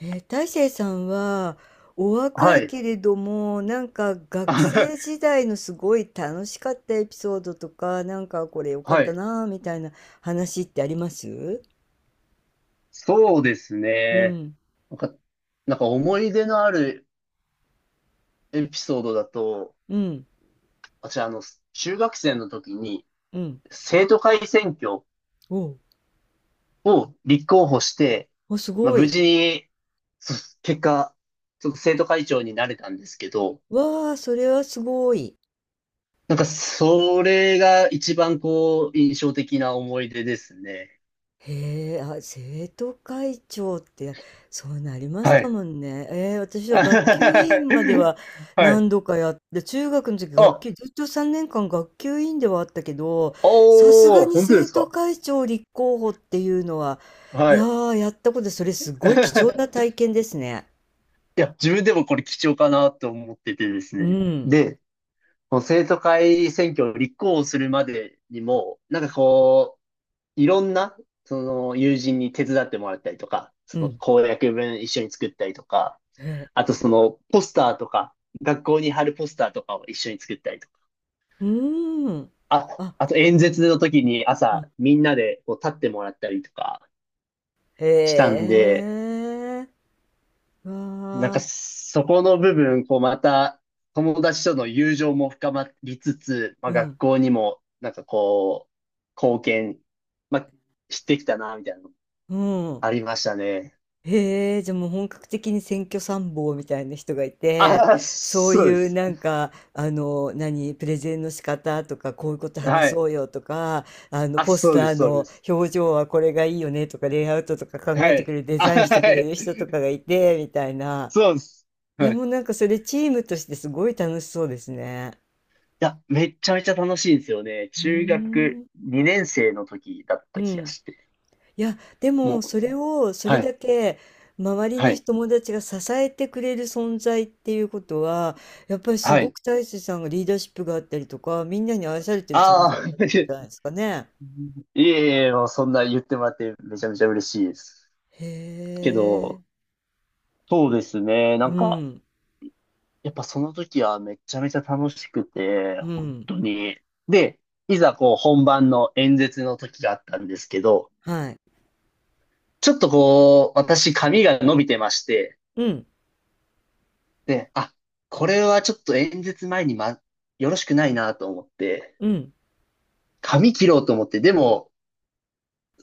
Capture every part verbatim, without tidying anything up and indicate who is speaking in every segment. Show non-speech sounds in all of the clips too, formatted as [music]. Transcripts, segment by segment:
Speaker 1: えー、大成さんはお若
Speaker 2: は
Speaker 1: い
Speaker 2: い。
Speaker 1: けれどもなんか学生時
Speaker 2: [laughs]
Speaker 1: 代のすごい楽しかったエピソードとかなんかこれ良かっ
Speaker 2: は
Speaker 1: た
Speaker 2: い。
Speaker 1: なぁみたいな話ってあります？
Speaker 2: そうです
Speaker 1: う
Speaker 2: ね。
Speaker 1: ん。
Speaker 2: なんか、なんか思い出のあるエピソードだと、
Speaker 1: うん。
Speaker 2: 私、あの、中学生の時に
Speaker 1: うん。
Speaker 2: 生徒会選挙
Speaker 1: おう。
Speaker 2: を立候補して、
Speaker 1: おす
Speaker 2: まあ、
Speaker 1: ご
Speaker 2: 無
Speaker 1: い。
Speaker 2: 事に、そ結果、ちょっと生徒会長になれたんですけど、
Speaker 1: わあ、それはすごい。
Speaker 2: なんか、それが一番こう、印象的な思い出ですね。
Speaker 1: へえ、あ、生徒会長って、そうなりまし
Speaker 2: は
Speaker 1: た
Speaker 2: い。
Speaker 1: もんね。えー私は学級
Speaker 2: [laughs]
Speaker 1: 委員までは
Speaker 2: はい。
Speaker 1: 何度かやって、中学の時学
Speaker 2: あ、
Speaker 1: 級、ずっとさんねんかん学級委員ではあったけど、さすが
Speaker 2: おー、
Speaker 1: に
Speaker 2: 本当で
Speaker 1: 生
Speaker 2: す
Speaker 1: 徒
Speaker 2: か？
Speaker 1: 会長立候補っていうのは、い
Speaker 2: は
Speaker 1: や
Speaker 2: い。
Speaker 1: ー、やったことで、それすごい貴重な
Speaker 2: [laughs]
Speaker 1: 体験ですね。
Speaker 2: いや、自分でもこれ貴重かなと思っててです
Speaker 1: う
Speaker 2: ね。
Speaker 1: ん、
Speaker 2: で、この生徒会選挙を立候補するまでにも、なんかこう、いろんな、その友人に手伝ってもらったりとか、
Speaker 1: う
Speaker 2: その
Speaker 1: ん、
Speaker 2: 公約文一緒に作ったりとか、
Speaker 1: へえ、
Speaker 2: あとそのポスターとか、学校に貼るポスターとかを一緒に作ったりとか、
Speaker 1: うーん、
Speaker 2: あ、
Speaker 1: あ、
Speaker 2: あと演説の時に
Speaker 1: う
Speaker 2: 朝
Speaker 1: ん、
Speaker 2: みんなでこう立ってもらったりとかしたん
Speaker 1: へ
Speaker 2: で、
Speaker 1: え、
Speaker 2: なんか
Speaker 1: わ
Speaker 2: そこの部分、こうまた友達との友情も深まりつつ、ま
Speaker 1: ー、
Speaker 2: あ、
Speaker 1: う
Speaker 2: 学
Speaker 1: ん、
Speaker 2: 校にもなんかこう、貢献、まあ、してきたな、みたいなの
Speaker 1: うん。
Speaker 2: ありましたね。
Speaker 1: へえ、じゃあもう本格的に選挙参謀みたいな人がいて、
Speaker 2: あ、
Speaker 1: そう
Speaker 2: そうで
Speaker 1: いう
Speaker 2: す。
Speaker 1: なんか、あの、何、プレゼンの仕方とか、こういうこと
Speaker 2: は
Speaker 1: 話
Speaker 2: い。
Speaker 1: そうよとか、あの、
Speaker 2: あ、
Speaker 1: ポス
Speaker 2: そう
Speaker 1: タ
Speaker 2: で
Speaker 1: ー
Speaker 2: す、そうで
Speaker 1: の
Speaker 2: す。
Speaker 1: 表情はこれがいいよねとか、レイアウトとか考
Speaker 2: は
Speaker 1: えてく
Speaker 2: い。
Speaker 1: れる、デ
Speaker 2: あ、
Speaker 1: ザインしてく
Speaker 2: は
Speaker 1: れ
Speaker 2: い。
Speaker 1: る人とかがいて、みたいな。
Speaker 2: そうです。
Speaker 1: いや、
Speaker 2: はい。
Speaker 1: もう
Speaker 2: い
Speaker 1: なんかそれチームとしてすごい楽しそうですね。
Speaker 2: や、めっちゃめちゃ楽しいんですよね。
Speaker 1: う
Speaker 2: 中
Speaker 1: ー
Speaker 2: 学
Speaker 1: ん。
Speaker 2: にねん生の時だっ
Speaker 1: う
Speaker 2: た気が
Speaker 1: ん。
Speaker 2: して。
Speaker 1: いや、で
Speaker 2: も
Speaker 1: もそ
Speaker 2: う、
Speaker 1: れをそ
Speaker 2: は
Speaker 1: れ
Speaker 2: い、
Speaker 1: だけ周り
Speaker 2: は
Speaker 1: の
Speaker 2: い、
Speaker 1: 友達が支えてくれる存在っていうことは、やっぱりす
Speaker 2: は
Speaker 1: ご
Speaker 2: い。
Speaker 1: く大勢さんがリーダーシップがあったりとか、みんなに愛されてる存在
Speaker 2: ああ、
Speaker 1: だったんじゃないで
Speaker 2: [laughs]
Speaker 1: すかね。
Speaker 2: いえいえ、もうそんな言ってもらってめちゃめちゃ嬉しいです。
Speaker 1: へ
Speaker 2: け
Speaker 1: え。
Speaker 2: ど、そうですね。な
Speaker 1: う
Speaker 2: んか、
Speaker 1: ん、
Speaker 2: やっぱその時はめちゃめちゃ楽しくて、
Speaker 1: う
Speaker 2: 本
Speaker 1: ん、
Speaker 2: 当に。で、いざこう本番の演説の時があったんですけど、
Speaker 1: はい。
Speaker 2: ちょっとこう、私髪が伸びてまして、
Speaker 1: うん、
Speaker 2: で、あ、これはちょっと演説前にま、よろしくないなと思って、
Speaker 1: うん、
Speaker 2: 髪切ろうと思って、でも、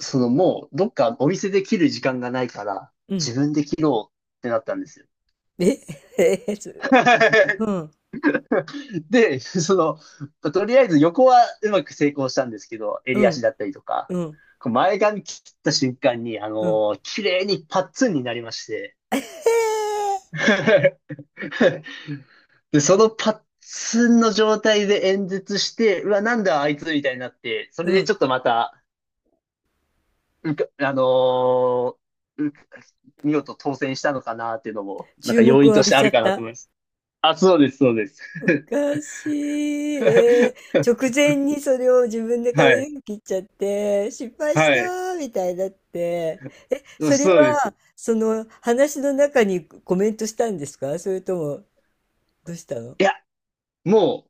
Speaker 2: そのもうどっかお店で切る時間がないから、
Speaker 1: うん。
Speaker 2: 自分で切ろうってなったんですよ。
Speaker 1: え、へえ、す、う
Speaker 2: [laughs]
Speaker 1: ん、
Speaker 2: で、[laughs] その、とりあえず横はうまく成功したんですけど、
Speaker 1: う
Speaker 2: 襟足
Speaker 1: ん、
Speaker 2: だったりとか、
Speaker 1: うん、
Speaker 2: こう前髪切った瞬間に、あ
Speaker 1: うん。
Speaker 2: のー綺麗にパッツンになりまして、
Speaker 1: [laughs] えへへ、
Speaker 2: [laughs] で、そのパッツンの状態で演説して、うわ、なんだあいつみたいになって、そ
Speaker 1: う
Speaker 2: れでち
Speaker 1: ん。
Speaker 2: ょっとまた、うかあのーう見事当選したのかなっていうのも、なん
Speaker 1: 注
Speaker 2: か要
Speaker 1: 目
Speaker 2: 因
Speaker 1: を
Speaker 2: と
Speaker 1: 浴
Speaker 2: し
Speaker 1: び
Speaker 2: てあ
Speaker 1: ちゃ
Speaker 2: る
Speaker 1: っ
Speaker 2: かなと
Speaker 1: た。
Speaker 2: 思います。あ、そうです、そうです。
Speaker 1: おかしい。え
Speaker 2: [laughs]
Speaker 1: ー、直前にそれを自分で
Speaker 2: はい、
Speaker 1: 髪の毛切っちゃって、失敗し
Speaker 2: は
Speaker 1: た
Speaker 2: い、
Speaker 1: ーみたいになって、それ
Speaker 2: そうです。
Speaker 1: は、その話の中にコメントしたんですか、それとも、どうしたの？
Speaker 2: いや、も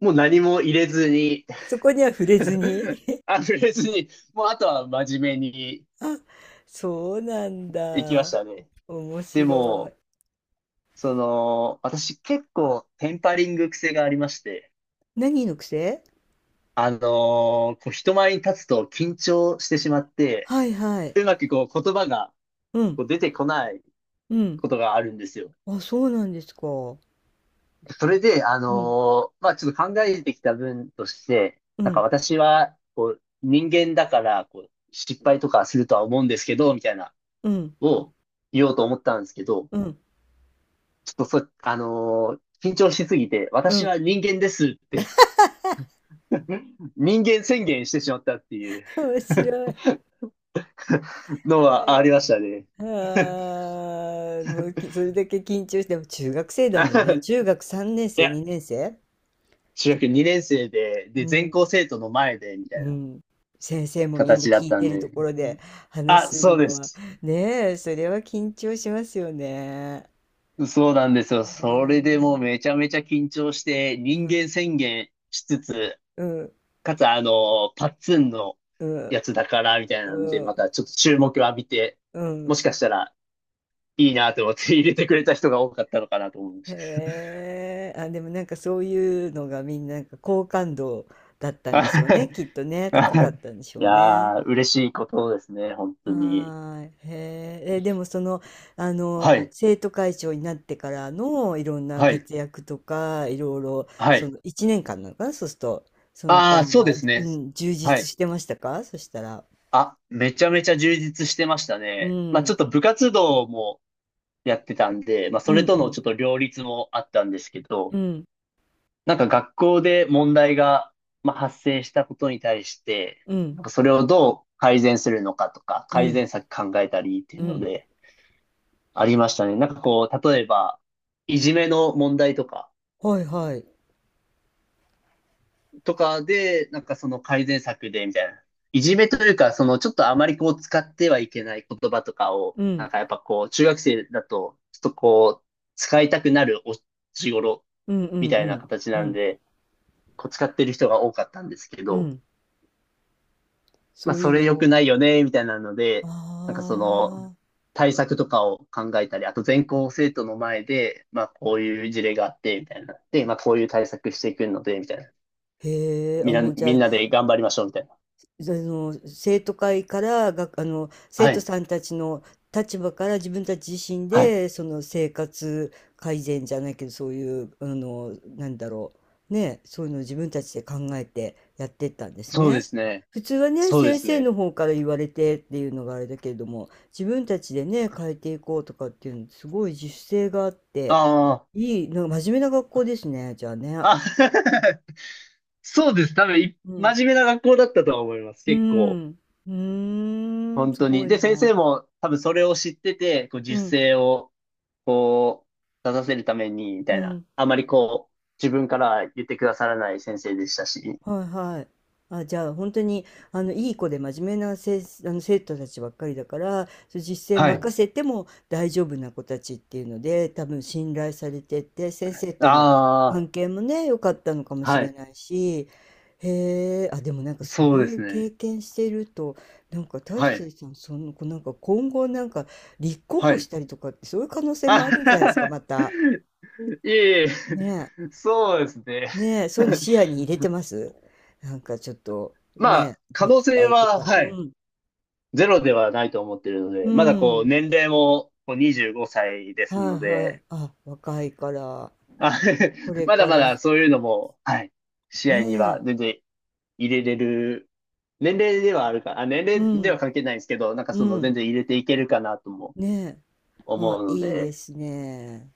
Speaker 2: う、もう何も入れずに
Speaker 1: そこには触れずに。
Speaker 2: [laughs] あ、触れずに、もうあとは真面目に
Speaker 1: [laughs] あ、そうなん
Speaker 2: 行きま
Speaker 1: だ。
Speaker 2: したね。
Speaker 1: 面
Speaker 2: で
Speaker 1: 白い。
Speaker 2: も、その、私結構テンパリング癖がありまして、
Speaker 1: 何の癖？
Speaker 2: あのーこう人前に立つと緊張してしまって、
Speaker 1: はいはい。
Speaker 2: うまくこう言葉が
Speaker 1: うん、
Speaker 2: こう出てこない
Speaker 1: うん。
Speaker 2: ことがあるんですよ。
Speaker 1: あ、そうなんですか。う
Speaker 2: それで、あ
Speaker 1: ん、
Speaker 2: のーまあちょっと考えてきた分として、
Speaker 1: う
Speaker 2: なんか
Speaker 1: ん、
Speaker 2: 私はこう人間だからこう失敗とかするとは思うんですけど、みたいな
Speaker 1: うん、
Speaker 2: を言おうと思ったんですけど、
Speaker 1: うん、
Speaker 2: ちょっとそ、あのー緊張しすぎて、
Speaker 1: う
Speaker 2: 私
Speaker 1: ん。
Speaker 2: は人間ですって [laughs]、人間宣言してしまったっていう
Speaker 1: 面白い。
Speaker 2: のはありましたね。
Speaker 1: ああ、もうきそれだけ緊張して、でも中学生だもんね。
Speaker 2: [laughs]
Speaker 1: 中学さんねん
Speaker 2: い
Speaker 1: 生、
Speaker 2: や、
Speaker 1: にねん生、
Speaker 2: 中
Speaker 1: それ
Speaker 2: 学
Speaker 1: だ、
Speaker 2: にねん生で、で、
Speaker 1: う
Speaker 2: 全校
Speaker 1: ん、
Speaker 2: 生徒の前で、みた
Speaker 1: う
Speaker 2: いな
Speaker 1: ん。先生もみんな
Speaker 2: 形だっ
Speaker 1: 聞い
Speaker 2: た
Speaker 1: て
Speaker 2: ん
Speaker 1: ると
Speaker 2: で。
Speaker 1: ころで話
Speaker 2: あ、
Speaker 1: する
Speaker 2: そうで
Speaker 1: のは、
Speaker 2: す。
Speaker 1: ねえ、それは緊張しますよね。
Speaker 2: そうなんですよ。
Speaker 1: ね
Speaker 2: そ
Speaker 1: え、
Speaker 2: れでもうめちゃめちゃ緊張して、
Speaker 1: う
Speaker 2: 人
Speaker 1: ん、
Speaker 2: 間宣言しつつ、
Speaker 1: うん、
Speaker 2: かつ、あの、パッツンの
Speaker 1: うん、
Speaker 2: やつだから、みたいなんで、
Speaker 1: う
Speaker 2: ま
Speaker 1: ん、
Speaker 2: たちょっと注目を浴びて、
Speaker 1: う
Speaker 2: も
Speaker 1: ん。
Speaker 2: しかしたらいいなと思って入れてくれた人が多かったのかなと思いまし
Speaker 1: へえ、あ、でもなんかそういうのがみんななんか好感度だったん
Speaker 2: た。
Speaker 1: でしょう
Speaker 2: はい
Speaker 1: ね。きっとね、高
Speaker 2: は
Speaker 1: かっ
Speaker 2: い、
Speaker 1: たんでしょ
Speaker 2: い
Speaker 1: うね。
Speaker 2: やー、嬉しいことですね、本当
Speaker 1: は
Speaker 2: に。
Speaker 1: ーい。へーえ、でもその、あの、
Speaker 2: はい、
Speaker 1: 生徒会長になってからのいろんな
Speaker 2: はい、
Speaker 1: 活躍とか、いろいろ、
Speaker 2: は
Speaker 1: そ
Speaker 2: い。
Speaker 1: のいちねんかんなのかな、そうすると、その
Speaker 2: ああ、
Speaker 1: 間
Speaker 2: そう
Speaker 1: は、
Speaker 2: です
Speaker 1: う
Speaker 2: ね。
Speaker 1: ん、充
Speaker 2: は
Speaker 1: 実
Speaker 2: い。
Speaker 1: してましたか、そしたら。
Speaker 2: あ、めちゃめちゃ充実してました
Speaker 1: う
Speaker 2: ね。まあちょっ
Speaker 1: ん、
Speaker 2: と部活動もやってたんで、まあそ
Speaker 1: う
Speaker 2: れ
Speaker 1: ん、
Speaker 2: と
Speaker 1: う
Speaker 2: のち
Speaker 1: ん、
Speaker 2: ょっと両立もあったんですけど、
Speaker 1: うん、
Speaker 2: なんか学校で問題が、まあ、発生したことに対して、
Speaker 1: うん、
Speaker 2: なんかそれをどう改善するのかとか、
Speaker 1: う
Speaker 2: 改
Speaker 1: ん、
Speaker 2: 善策考えたりってい
Speaker 1: う
Speaker 2: うの
Speaker 1: ん、
Speaker 2: でありましたね。なんかこう、例えば、いじめの問題とか、
Speaker 1: はい、はい。
Speaker 2: とかで、なんかその改善策でみたいな。いじめというか、そのちょっとあまりこう使ってはいけない言葉とかを、
Speaker 1: う
Speaker 2: なん
Speaker 1: ん、
Speaker 2: かやっぱこう、中学生だと、ちょっとこう、使いたくなるお年頃
Speaker 1: うん、う
Speaker 2: み
Speaker 1: ん、
Speaker 2: た
Speaker 1: う
Speaker 2: いな
Speaker 1: ん、
Speaker 2: 形
Speaker 1: う
Speaker 2: なん
Speaker 1: ん、
Speaker 2: で、こう使ってる人が多かったんですけ
Speaker 1: う
Speaker 2: ど、
Speaker 1: ん、
Speaker 2: ま
Speaker 1: そ
Speaker 2: あ、
Speaker 1: うい
Speaker 2: そ
Speaker 1: う
Speaker 2: れ
Speaker 1: の
Speaker 2: 良く
Speaker 1: を、
Speaker 2: ないよね、みたいなの
Speaker 1: あ
Speaker 2: で、なんかその、
Speaker 1: あ、
Speaker 2: 対策とかを考えたり、あと全校生徒の前で、まあ、こういう事例があって、みたいな。で、まあ、こういう対策していくので、みたいな。
Speaker 1: へえ、
Speaker 2: み
Speaker 1: あ、
Speaker 2: んな、
Speaker 1: もうじゃ
Speaker 2: み
Speaker 1: あ、
Speaker 2: んなで頑張りましょう、みたいな。
Speaker 1: あの生徒会からがあの生
Speaker 2: は
Speaker 1: 徒
Speaker 2: い。
Speaker 1: さんたちの立場から自分たち自身
Speaker 2: はい。
Speaker 1: でその生活改善じゃないけど、そういうあの、なんだろうね、そういうのを自分たちで考えてやってったんです
Speaker 2: そうで
Speaker 1: ね。
Speaker 2: すね。
Speaker 1: 普通はね、
Speaker 2: そうで
Speaker 1: 先
Speaker 2: す
Speaker 1: 生
Speaker 2: ね。
Speaker 1: の方から言われてっていうのがあれだけれども、自分たちでね、変えていこうとかっていうのすごい自主性があって
Speaker 2: あ
Speaker 1: いい、なんか真面目な学校ですね、じゃあね。
Speaker 2: あ。あ [laughs] そうです。多分、い
Speaker 1: うん。
Speaker 2: 真面目な学校だったとは思います。
Speaker 1: う
Speaker 2: 結構。
Speaker 1: ん。うーん、
Speaker 2: 本
Speaker 1: す
Speaker 2: 当
Speaker 1: ご
Speaker 2: に。
Speaker 1: い
Speaker 2: で、先
Speaker 1: な。
Speaker 2: 生も多分それを知ってて、こう、
Speaker 1: う
Speaker 2: 実
Speaker 1: ん、
Speaker 2: 践をこう、出させるために、み
Speaker 1: う
Speaker 2: たいな。
Speaker 1: ん、
Speaker 2: あまりこう、自分から言ってくださらない先生でしたし。
Speaker 1: はいはい。あ、じゃあ本当にあのいい子で真面目なせ、あの生徒たちばっかりだから、そう実践
Speaker 2: はい。
Speaker 1: 任せても大丈夫な子たちっていうので、多分信頼されてて、先生との関
Speaker 2: あ
Speaker 1: 係もね、良かったのかも
Speaker 2: あ、
Speaker 1: し
Speaker 2: は
Speaker 1: れ
Speaker 2: い。
Speaker 1: ないし、へえ、あ、でもなんかそ
Speaker 2: そ
Speaker 1: う
Speaker 2: うで
Speaker 1: いう
Speaker 2: す
Speaker 1: 経
Speaker 2: ね。
Speaker 1: 験してると、なんか大
Speaker 2: はい。
Speaker 1: 成さん、その、こうなんか今後なんか立候
Speaker 2: は
Speaker 1: 補し
Speaker 2: い。
Speaker 1: たりとかって、そういう可能性もあるんじゃないですか、
Speaker 2: あ
Speaker 1: また。
Speaker 2: [laughs] いえいえ、
Speaker 1: ねえ。
Speaker 2: そうですね。
Speaker 1: ねえ、そういうの
Speaker 2: [laughs]
Speaker 1: 視野に入れてます？なんかちょっと、
Speaker 2: ま
Speaker 1: ね、
Speaker 2: あ、可
Speaker 1: 自
Speaker 2: 能
Speaker 1: 治
Speaker 2: 性
Speaker 1: 体と
Speaker 2: は、
Speaker 1: か、
Speaker 2: はい、
Speaker 1: うん、
Speaker 2: ゼロではないと思ってるの
Speaker 1: う
Speaker 2: で、まだこ
Speaker 1: ん、
Speaker 2: う、年齢もこうにじゅうごさいです
Speaker 1: はい
Speaker 2: の
Speaker 1: はい。
Speaker 2: で、
Speaker 1: あ、若いから、
Speaker 2: あ [laughs]
Speaker 1: これ
Speaker 2: まだ
Speaker 1: か
Speaker 2: ま
Speaker 1: ら、
Speaker 2: だそういうのも、はい、試
Speaker 1: ね
Speaker 2: 合には
Speaker 1: え、
Speaker 2: 全然入れれる、年齢ではあるか、あ、年
Speaker 1: う
Speaker 2: 齢では
Speaker 1: ん、
Speaker 2: 関係ないんですけど、なんか
Speaker 1: う
Speaker 2: その全
Speaker 1: ん、
Speaker 2: 然入れていけるかなとも
Speaker 1: ねえ、
Speaker 2: 思
Speaker 1: あ、
Speaker 2: うの
Speaker 1: いいで
Speaker 2: で、
Speaker 1: すね。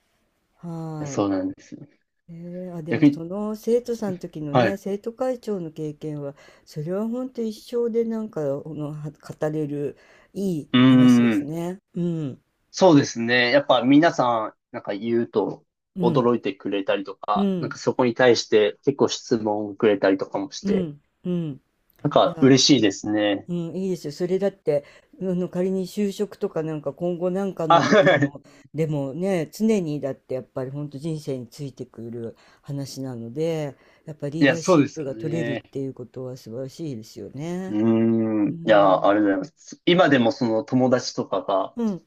Speaker 1: はい。
Speaker 2: そうなんですよ。
Speaker 1: えーあ、でも
Speaker 2: 逆に、
Speaker 1: その生徒さんの時の
Speaker 2: はい。
Speaker 1: ね、
Speaker 2: う
Speaker 1: 生徒会長の経験は、それはほんと一生でなんか、この、は語れるいい
Speaker 2: ー
Speaker 1: 話です
Speaker 2: ん。
Speaker 1: ね。うん、
Speaker 2: そうですね。やっぱ皆さん、なんか言うと
Speaker 1: うん、
Speaker 2: 驚いてくれたりと
Speaker 1: う
Speaker 2: か、なん
Speaker 1: ん、
Speaker 2: かそこに対して結構質問をくれたりとかもし
Speaker 1: う
Speaker 2: て、
Speaker 1: ん、うん。
Speaker 2: なん
Speaker 1: い
Speaker 2: か
Speaker 1: や、
Speaker 2: 嬉しいですね。
Speaker 1: うん、いいですよ。それだって、あの、仮に就職とかなんか今後なんか
Speaker 2: あ、
Speaker 1: の時
Speaker 2: はい。
Speaker 1: の、でもね、常にだってやっぱり本当人生についてくる話なので、やっぱ
Speaker 2: い
Speaker 1: リー
Speaker 2: や、
Speaker 1: ダー
Speaker 2: そ
Speaker 1: シ
Speaker 2: う
Speaker 1: ッ
Speaker 2: です
Speaker 1: プ
Speaker 2: よ
Speaker 1: が取れるっ
Speaker 2: ね。
Speaker 1: ていうことは素晴らしいですよ
Speaker 2: う
Speaker 1: ね。
Speaker 2: ー
Speaker 1: う
Speaker 2: ん。いや、あ
Speaker 1: ん、
Speaker 2: りがとうございます。今でもその友達とかが、
Speaker 1: うん、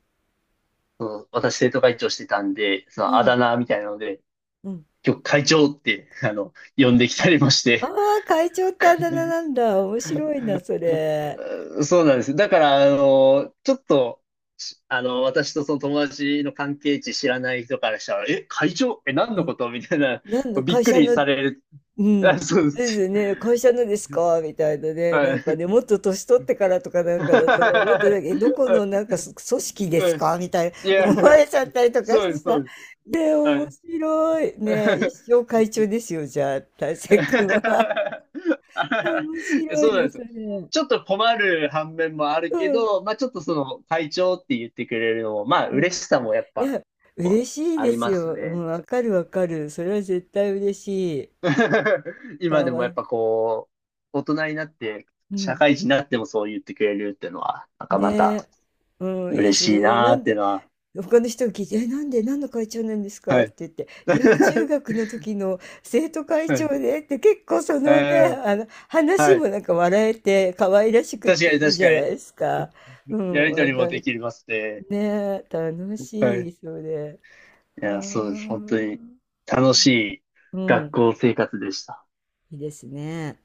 Speaker 2: そう、私生徒会長してたんで、そ
Speaker 1: う
Speaker 2: のあだ
Speaker 1: ん、
Speaker 2: 名みたいなので、
Speaker 1: うん。
Speaker 2: 今日会長って、あの、呼んできたりもして。
Speaker 1: ああ、会長ってあだ名なんだ。面白いな、それ。
Speaker 2: [laughs] そうなんです。だから、あの、ちょっと、しあの、私とその友達の関係値知らない人からしたら、え、会長え、何
Speaker 1: う
Speaker 2: の
Speaker 1: ん。
Speaker 2: ことみたいな、
Speaker 1: 何の
Speaker 2: びっ
Speaker 1: 会
Speaker 2: く
Speaker 1: 社
Speaker 2: り
Speaker 1: の、
Speaker 2: される。
Speaker 1: う
Speaker 2: あ、
Speaker 1: ん。
Speaker 2: そうで
Speaker 1: です
Speaker 2: す。
Speaker 1: よね。会社のですか？みたいなね。なんかね、もっと年取ってからとかなんかだと、もっと
Speaker 2: は
Speaker 1: なんか、
Speaker 2: い。
Speaker 1: え、どこのなん
Speaker 2: [laughs]
Speaker 1: か、そ組織です
Speaker 2: はい、
Speaker 1: か？みたいな
Speaker 2: いや、
Speaker 1: 思われちゃったりとか
Speaker 2: そ
Speaker 1: し
Speaker 2: うで
Speaker 1: て
Speaker 2: す、そ
Speaker 1: さ。
Speaker 2: うです。
Speaker 1: ね、
Speaker 2: は
Speaker 1: 面
Speaker 2: い。
Speaker 1: 白い。ね、一
Speaker 2: [laughs]
Speaker 1: 生会長ですよ、じゃあ、大成君は。[laughs] 面
Speaker 2: [laughs]
Speaker 1: 白い
Speaker 2: そうなん
Speaker 1: な、
Speaker 2: です
Speaker 1: そ
Speaker 2: よ。
Speaker 1: れ。
Speaker 2: ちょっと困る反面もある
Speaker 1: う
Speaker 2: け
Speaker 1: ん、
Speaker 2: ど、まあちょっとその会長って言ってくれるのも、まあ
Speaker 1: うん。
Speaker 2: 嬉しさもやっ
Speaker 1: い
Speaker 2: ぱ、
Speaker 1: や、
Speaker 2: こ
Speaker 1: 嬉
Speaker 2: う
Speaker 1: しい
Speaker 2: あ
Speaker 1: で
Speaker 2: り
Speaker 1: す
Speaker 2: ます
Speaker 1: よ。う
Speaker 2: ね。
Speaker 1: ん、分かる分かる。それは絶対嬉しい。
Speaker 2: [laughs]
Speaker 1: か
Speaker 2: 今でも
Speaker 1: わい
Speaker 2: やっ
Speaker 1: い、
Speaker 2: ぱこう、大人になって、
Speaker 1: う
Speaker 2: 社
Speaker 1: ん。
Speaker 2: 会人になってもそう言ってくれるっていうのは、なんかまた
Speaker 1: ねえ。うん、いいで
Speaker 2: 嬉
Speaker 1: す
Speaker 2: しい
Speaker 1: ね。
Speaker 2: な
Speaker 1: な
Speaker 2: ー
Speaker 1: ん
Speaker 2: っていう
Speaker 1: で
Speaker 2: のは。
Speaker 1: 他の人が聞いて、え、なんで、何の会長なんですか
Speaker 2: は
Speaker 1: って
Speaker 2: い。
Speaker 1: 言って、いや、中
Speaker 2: [laughs]
Speaker 1: 学の時の生徒会
Speaker 2: は
Speaker 1: 長
Speaker 2: い。
Speaker 1: でって、結構そのね、
Speaker 2: えー
Speaker 1: あの、話
Speaker 2: は
Speaker 1: も
Speaker 2: い。
Speaker 1: なんか笑えて可愛らしくっ
Speaker 2: 確か
Speaker 1: て
Speaker 2: に
Speaker 1: いい
Speaker 2: 確
Speaker 1: じゃ
Speaker 2: か
Speaker 1: ない
Speaker 2: に。
Speaker 1: ですか。う
Speaker 2: や
Speaker 1: ん、
Speaker 2: りと
Speaker 1: 話
Speaker 2: りもで
Speaker 1: 題、
Speaker 2: きますね。
Speaker 1: ね、楽
Speaker 2: は
Speaker 1: しい、
Speaker 2: い。
Speaker 1: それ。
Speaker 2: い
Speaker 1: は
Speaker 2: や、そうです。
Speaker 1: あ、
Speaker 2: 本当に楽しい
Speaker 1: う
Speaker 2: 学
Speaker 1: ん、
Speaker 2: 校生活でした。
Speaker 1: いいですね。